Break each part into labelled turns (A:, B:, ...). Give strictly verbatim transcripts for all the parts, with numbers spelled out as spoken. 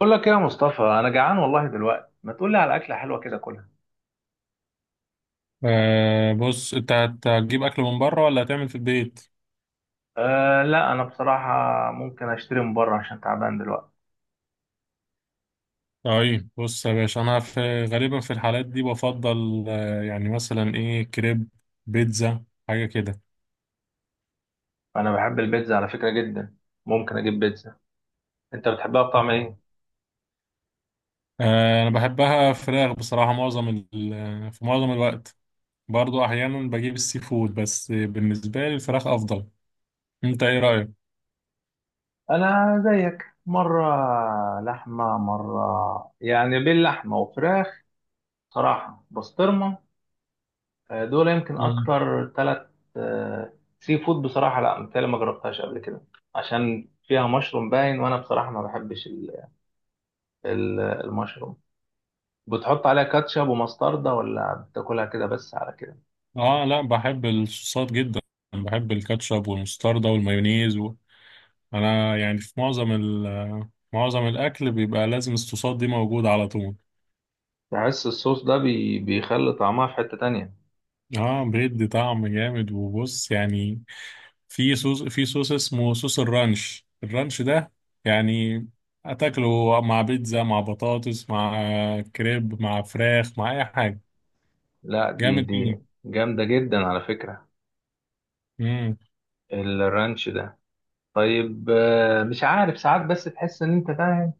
A: بقول لك ايه يا مصطفى؟ انا جعان والله دلوقتي، ما تقول لي على اكله حلوه كده كلها.
B: آه بص انت هت- هتجيب اكل من بره ولا هتعمل في البيت؟
A: أه، لا، انا بصراحه ممكن اشتري من بره عشان تعبان دلوقتي.
B: طيب بص يا باشا، انا في غالبا في الحالات دي بفضل آه يعني مثلا ايه، كريب، بيتزا، حاجه كده.
A: انا بحب البيتزا على فكره جدا. ممكن اجيب بيتزا. انت بتحبها بطعم ايه؟
B: آه انا بحبها فراخ بصراحه، معظم ال- في معظم الوقت. برضو احيانا بجيب السي فود، بس بالنسبه لي الفراخ افضل. انت ايه رايك؟
A: انا زيك مره. لحمه مره، يعني بين لحمه وفراخ. صراحه بسطرمه. آه، دول يمكن
B: مم.
A: اكتر ثلاث. سي فود بصراحه، لا متهيألي ما جربتهاش قبل كده. عشان فيها مشروم باين، وانا بصراحه ما بحبش ال- ال- المشروم. بتحط عليها كاتشب ومستردة، ولا بتاكلها كده بس على كده؟
B: اه لا، بحب الصوصات جدا. بحب الكاتشب والمستردة والمايونيز. انا يعني في معظم ال معظم الاكل بيبقى لازم الصوصات دي موجوده على طول.
A: بحس الصوص ده بي... بيخلي طعمها في حتة تانية.
B: اه بيدي طعم جامد. وبص يعني، في صوص، في صوص اسمه صوص الرانش. الرانش ده يعني هتاكله مع بيتزا، مع بطاطس، مع كريب، مع فراخ، مع اي حاجه.
A: لا، دي
B: جامد
A: دي
B: جدا.
A: جامدة جدا على فكرة،
B: امم،
A: الرانش ده. طيب، آه، مش عارف ساعات، بس تحس ان انت فاهم.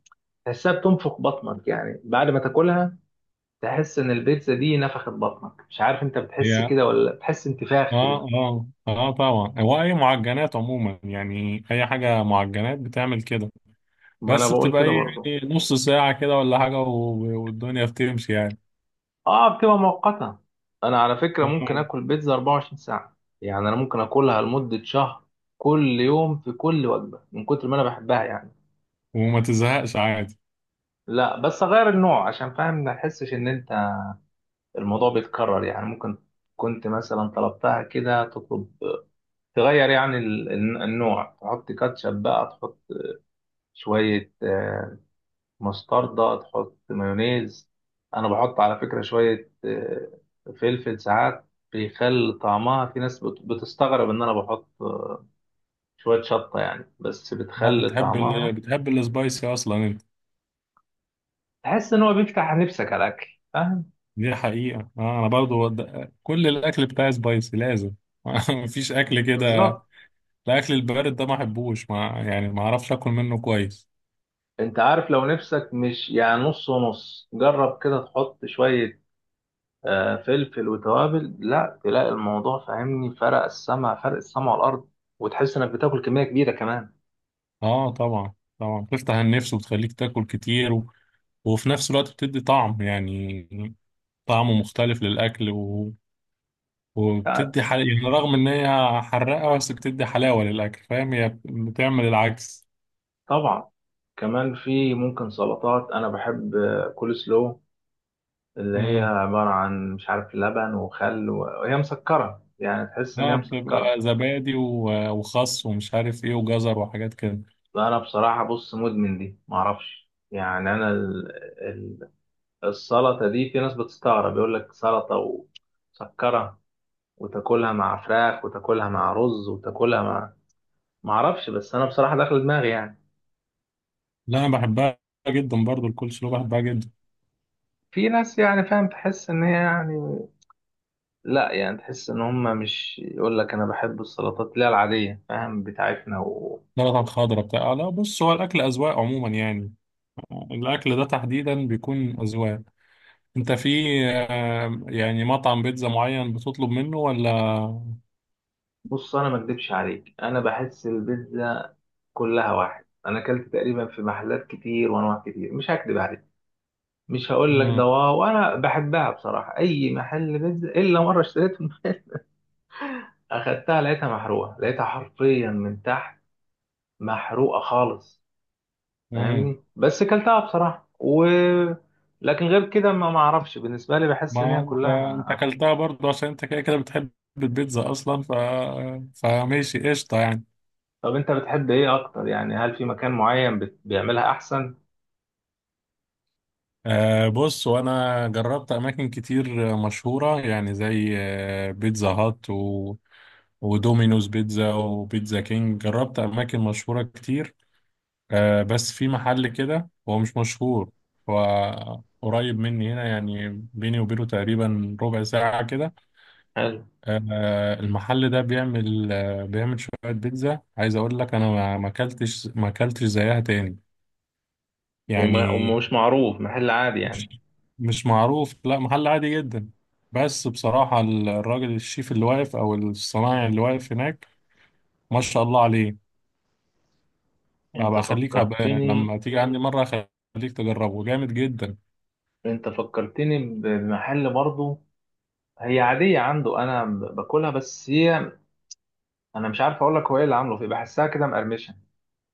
A: تحسها بتنفخ بطنك يعني، بعد ما تاكلها تحس ان البيتزا دي نفخت بطنك. مش عارف انت
B: هي
A: بتحس
B: اه.
A: كده، ولا بتحس انتفاخ كده؟
B: اه اه آه، طبعا هو اي معجنات عموما، يعني اي حاجه معجنات بتعمل كده.
A: ما انا
B: بس
A: بقول
B: بتبقى
A: كده
B: ايه
A: برضه.
B: يعني، نص ساعة كده ولا حاجة و- والدنيا بتمشي يعني.
A: اه، بتبقى مؤقتة. انا على فكرة ممكن
B: آه.
A: اكل بيتزا 24 ساعة، يعني انا ممكن اكلها لمدة شهر كل يوم في كل وجبة من كتر ما انا بحبها يعني.
B: وما تزهقش عادي؟
A: لا، بس اغير النوع، عشان فاهم ما تحسش ان انت الموضوع بيتكرر. يعني ممكن كنت مثلا طلبتها كده، تطلب تغير يعني ال- النوع. تحط كاتشب بقى، تحط شوية آه، مستردة، تحط مايونيز. أنا بحط على فكرة شوية آه، فلفل ساعات بيخلي طعمها. في ناس بت- بتستغرب إن أنا بحط آه، شوية شطة، يعني بس
B: آه،
A: بتخلي
B: بتحب ال...
A: طعمها.
B: بتحب السبايسي اصلا انت؟
A: تحس إن هو بيفتح نفسك على الأكل فاهم؟
B: دي حقيقة. آه، انا برضو ود- كل الاكل بتاعي سبايسي لازم. مفيش اكل كده.
A: بالظبط.
B: الاكل البارد ده ما احبوش، ما يعني ما اعرفش اكل منه كويس.
A: أنت عارف لو نفسك مش يعني نص ونص، جرب كده تحط شوية آه، فلفل وتوابل، لا تلاقي الموضوع، فاهمني؟ فرق السما، فرق السما والأرض، وتحس إنك بتاكل كمية كبيرة كمان.
B: اه طبعا، طبعا بتفتح النفس وبتخليك تاكل كتير، و... وفي نفس الوقت بتدي طعم يعني، طعمه مختلف للاكل. وبتدي حل... يعني رغم ان هي حراقه، بس بتدي حلاوه للاكل، فاهم؟ هي بتعمل العكس.
A: طبعا. كمان في ممكن سلطات انا بحب، كول سلو، اللي هي
B: امم.
A: عباره عن مش عارف لبن وخل و- وهي مسكره، يعني تحس ان هي
B: اه
A: مسكره.
B: بتبقى زبادي و- وخس ومش عارف ايه وجزر وحاجات كده.
A: فانا بصراحه بص مدمن دي معرفش يعني. انا ال... ال... السلطه دي، في ناس بتستغرب، يقول لك سلطه، ومسكره، وتاكلها مع فراخ، وتاكلها مع رز، وتاكلها مع معرفش. بس انا بصراحه داخل دماغي يعني.
B: لا انا بحبها جدا، برضو الكولسلو بحبها جدا.
A: في ناس يعني فاهم، تحس ان هي يعني، لا يعني، تحس ان هم مش، يقول لك انا بحب السلطات، لا العاديه، فاهم، بتاعتنا. وبص،
B: سلطه الخضراء بتاع، آه، لا بص، هو الاكل اذواق عموما يعني. الاكل ده تحديدا بيكون اذواق. انت في، آه، يعني مطعم بيتزا معين بتطلب منه ولا؟
A: انا ما اكدبش عليك، انا بحس البيتزا كلها واحد. انا اكلت تقريبا في محلات كتير وانواع كتير، مش هكدب عليك. مش هقول لك ده واو، انا بحبها بصراحه اي محل بيتزا. الا مره اشتريت من- اخدتها لقيتها محروقه، لقيتها حرفيا من تحت محروقه خالص
B: امم.
A: فاهمني. بس اكلتها بصراحه و لكن غير كده ما ما اعرفش بالنسبه لي، بحس ان
B: ما
A: هي
B: انت انت
A: كلها.
B: اكلتها برضه عشان انت كده كده بتحب البيتزا اصلا، ف، فماشي قشطه يعني.
A: طب انت بتحب ايه اكتر؟ يعني هل في مكان معين بت- بيعملها احسن؟
B: آه بص، وانا جربت اماكن كتير مشهوره يعني، زي آه، بيتزا هات، و... ودومينوز بيتزا، وبيتزا كينج. جربت اماكن مشهوره كتير. آه بس في محل كده هو مش مشهور، هو قريب مني هنا يعني، بيني وبينه تقريبا ربع ساعه كده.
A: حلو.
B: آه، المحل ده بيعمل آه، بيعمل شوية بيتزا، عايز أقول لك أنا ما ما أكلتش، ما أكلتش زيها تاني
A: وما
B: يعني.
A: ومش معروف، محل عادي يعني؟
B: مش مش معروف، لا محل عادي جدا. بس بصراحة ال- الراجل الشيف اللي واقف، أو الصنايعي اللي واقف هناك، ما شاء الله عليه.
A: انت
B: هبقى أخليك، هبقى
A: فكرتني.
B: لما تيجي عندي مرة أخليك تجربه. جامد جدا.
A: انت فكرتني بمحل برضه. هي عادية عنده، انا ب- باكلها، بس هي انا مش عارف اقول لك هو ايه اللي عامله فيه، بحسها كده مقرمشة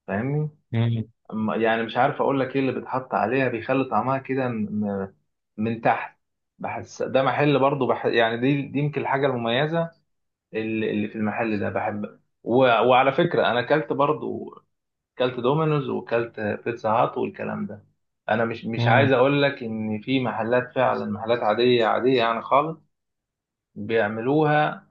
A: فاهمني.
B: مم.
A: أما- يعني مش عارف اقول لك ايه اللي بيتحط عليها بيخلي طعمها كده م- م- من تحت. بحس ده محل برضه بح... يعني دي دي يمكن الحاجة المميزة اللي اللي في المحل ده بحب و... وعلى فكرة أنا أكلت برضو، أكلت دومينوز وأكلت بيتزا هات والكلام ده. أنا مش مش
B: مم.
A: عايز أقول لك إن في محلات، فعلا محلات عادية عادية يعني خالص بيعملوها.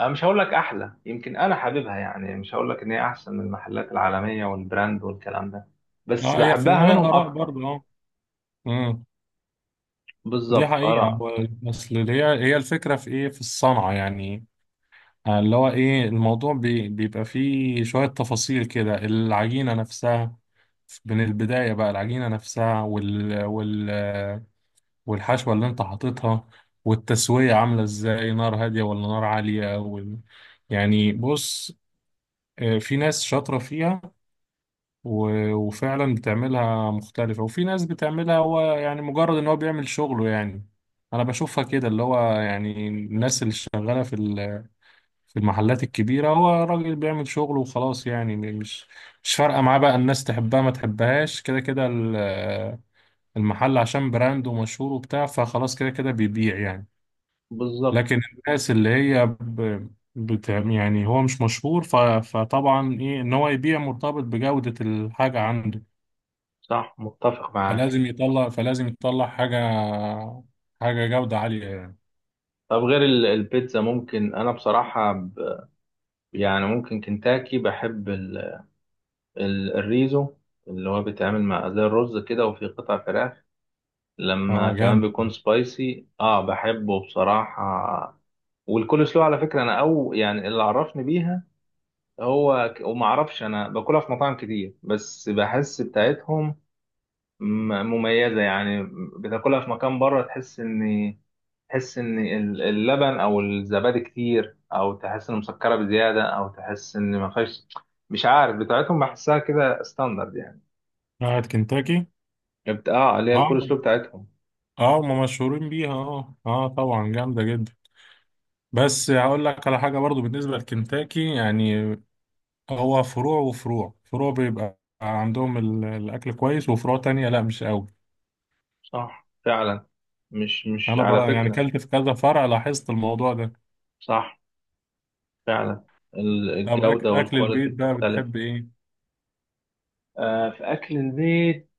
A: أنا مش هقول لك أحلى، يمكن أنا حاببها يعني. مش هقول لك إن هي أحسن من المحلات العالمية والبراند والكلام ده، بس
B: اه هي في
A: بحبها
B: النهاية
A: منهم
B: آراء
A: أكتر.
B: برضه، اه. مم. دي
A: بالظبط،
B: حقيقة.
A: آراء.
B: هو- أصل هي، هي الفكرة في إيه، في الصنعة يعني. آه، اللي هو ايه، الموضوع بي بيبقى فيه شوية تفاصيل كده. العجينة نفسها من البداية بقى، العجينة نفسها وال وال والحشوة اللي انت حاططها، والتسوية عاملة ازاي، نار هادية ولا نار عالية، وال، يعني بص، آه، في ناس شاطرة فيها و- وفعلا بتعملها مختلفة، وفي ناس بتعملها هو يعني مجرد ان هو بيعمل شغله يعني. انا بشوفها كده، اللي هو يعني الناس اللي شغالة في في المحلات الكبيرة هو راجل بيعمل شغله وخلاص يعني، م- مش مش فارقة معاه بقى، الناس تحبها ما تحبهاش، كده كده ال- المحل عشان براند ومشهور وبتاع، فخلاص كده كده بيبيع يعني.
A: بالظبط.
B: لكن الناس اللي هي ب... بت... يعني هو مش مشهور، ف... فطبعا ايه، ان هو يبيع مرتبط بجودة الحاجة عنده.
A: صح، متفق معاك.
B: فلازم يطلع، فلازم يطلع حاجة، حاجة جودة عالية يعني.
A: طب غير ال- البيتزا، ممكن أنا بصراحة ب... يعني ممكن كنتاكي بحب ال... ال- الريزو، اللي هو بيتعمل مع زي الرز كده وفي قطع فراخ، لما
B: اه
A: كمان
B: جامد.
A: بيكون سبايسي اه بحبه بصراحة. والكول سلو على فكرة، انا او يعني اللي عرفني بيها هو ك- وما اعرفش. انا باكلها في مطاعم كتير، بس بحس بتاعتهم م- مميزة يعني. بتاكلها في مكان بره، تحس ان تحس ان ال- اللبن او الزبادي كتير، او تحس ان مسكرة بزيادة، او تحس ان ما فيهاش. مش عارف بتاعتهم بحسها كده ستاندرد يعني.
B: بتاعت كنتاكي؟
A: بت- اه، اللي هي
B: اه.
A: الكول سلو بتاعتهم.
B: اه هم مشهورين بيها، اه اه طبعا جامدة جدا. بس هقول لك على حاجة برضو بالنسبة لكنتاكي يعني، هو فروع وفروع، فروع بيبقى عندهم ال- الأكل كويس، وفروع تانية لا مش قوي.
A: صح فعلا. مش مش
B: أنا
A: على
B: برا يعني
A: فكرة.
B: كلت في كذا فرع، لاحظت الموضوع ده.
A: صح فعلا، ال-
B: طب أك
A: الجودة
B: أكل
A: والكواليتي
B: البيت بقى
A: بتختلف.
B: بتحب إيه؟
A: آه، في أكل البيت.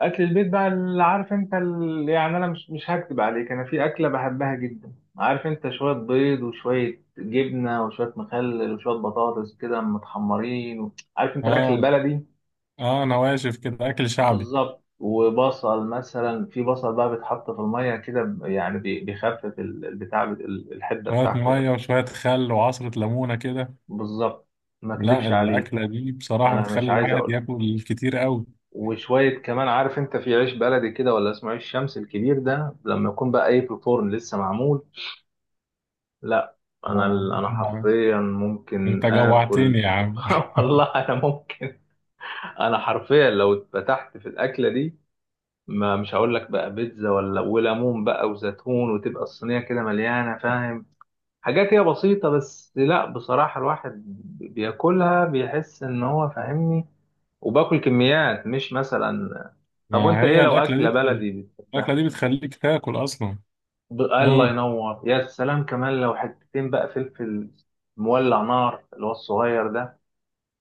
A: أكل البيت بقى اللي عارف أنت ال... يعني. أنا مش مش هكتب عليك. أنا في أكلة بحبها جدا، عارف أنت؟ شوية بيض، وشوية جبنة، وشوية مخلل، وشوية بطاطس كده متحمرين، و عارف أنت الأكل
B: آه.
A: البلدي.
B: آه نواشف كده، أكل شعبي.
A: بالظبط. وبصل مثلا، في بصل بقى بيتحط في المية كده ب- يعني بي- بيخفف ال- البتاع بت- ال- الحدة
B: شوية
A: بتاعته يعني.
B: مية وشوية خل وعصرة ليمونة كده.
A: بالظبط. ما
B: لا
A: اكدبش عليه،
B: الأكلة دي بصراحة
A: انا مش
B: بتخلي
A: عايز
B: الواحد
A: اقول.
B: ياكل كتير قوي.
A: وشوية كمان، عارف انت في عيش بلدي كده ولا اسمه عيش شمس الكبير ده، لما يكون بقى ايه في الفرن لسه معمول. لا، انا
B: آه.
A: ال- انا حرفيا ممكن
B: أنت جوعتني
A: اكل.
B: يا عم.
A: والله انا ممكن. انا حرفيا لو اتفتحت في الاكله دي، ما مش هقول لك بقى بيتزا، ولا وليمون بقى وزيتون، وتبقى الصينية كده مليانة فاهم. حاجات هي بسيطة، بس لا بصراحة الواحد بياكلها بيحس ان هو فاهمني. وباكل كميات مش مثلا. طب
B: ما
A: وانت ايه
B: هي
A: لو
B: الأكلة
A: اكلة
B: دي،
A: بلدي
B: الأكلة
A: بتحبها؟
B: دي بتخليك تاكل أصلا.
A: ب- الله
B: امم.
A: ينور، يا سلام. كمان لو حتتين بقى فلفل مولع نار، اللي هو الصغير ده،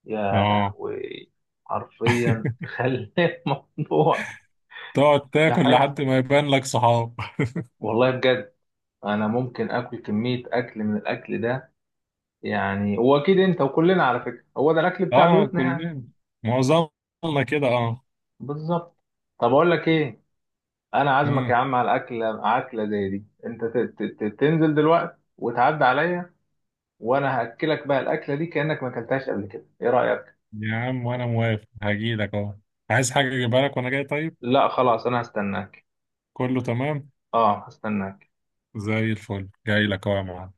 A: يا
B: اه.
A: لهوي. حرفيا تخلي الموضوع.
B: تقعد تاكل
A: بحس
B: لحد ما يبان لك صحاب.
A: والله بجد، انا ممكن اكل كمية اكل من الاكل ده. يعني واكيد انت وكلنا على فكرة هو ده الاكل بتاع
B: اه
A: بيوتنا يعني.
B: كلنا، معظمنا كده اه.
A: بالظبط. طب اقول لك ايه، انا عازمك يا
B: امم.
A: عم على اكلة اكلة زي دي. انت ت- ت- ت- تنزل دلوقتي وتعدي عليا. وانا هاكلك بقى الاكلة دي كأنك ما اكلتهاش قبل كده. ايه رأيك؟
B: يا عم وانا موافق، هجيلك اهو. عايز حاجة اجيبها لك وانا جاي؟ طيب،
A: لا خلاص، انا هستناك.
B: كله تمام.
A: اه، هستناك.
B: زي الفل، جاي لك اهو يا معلم.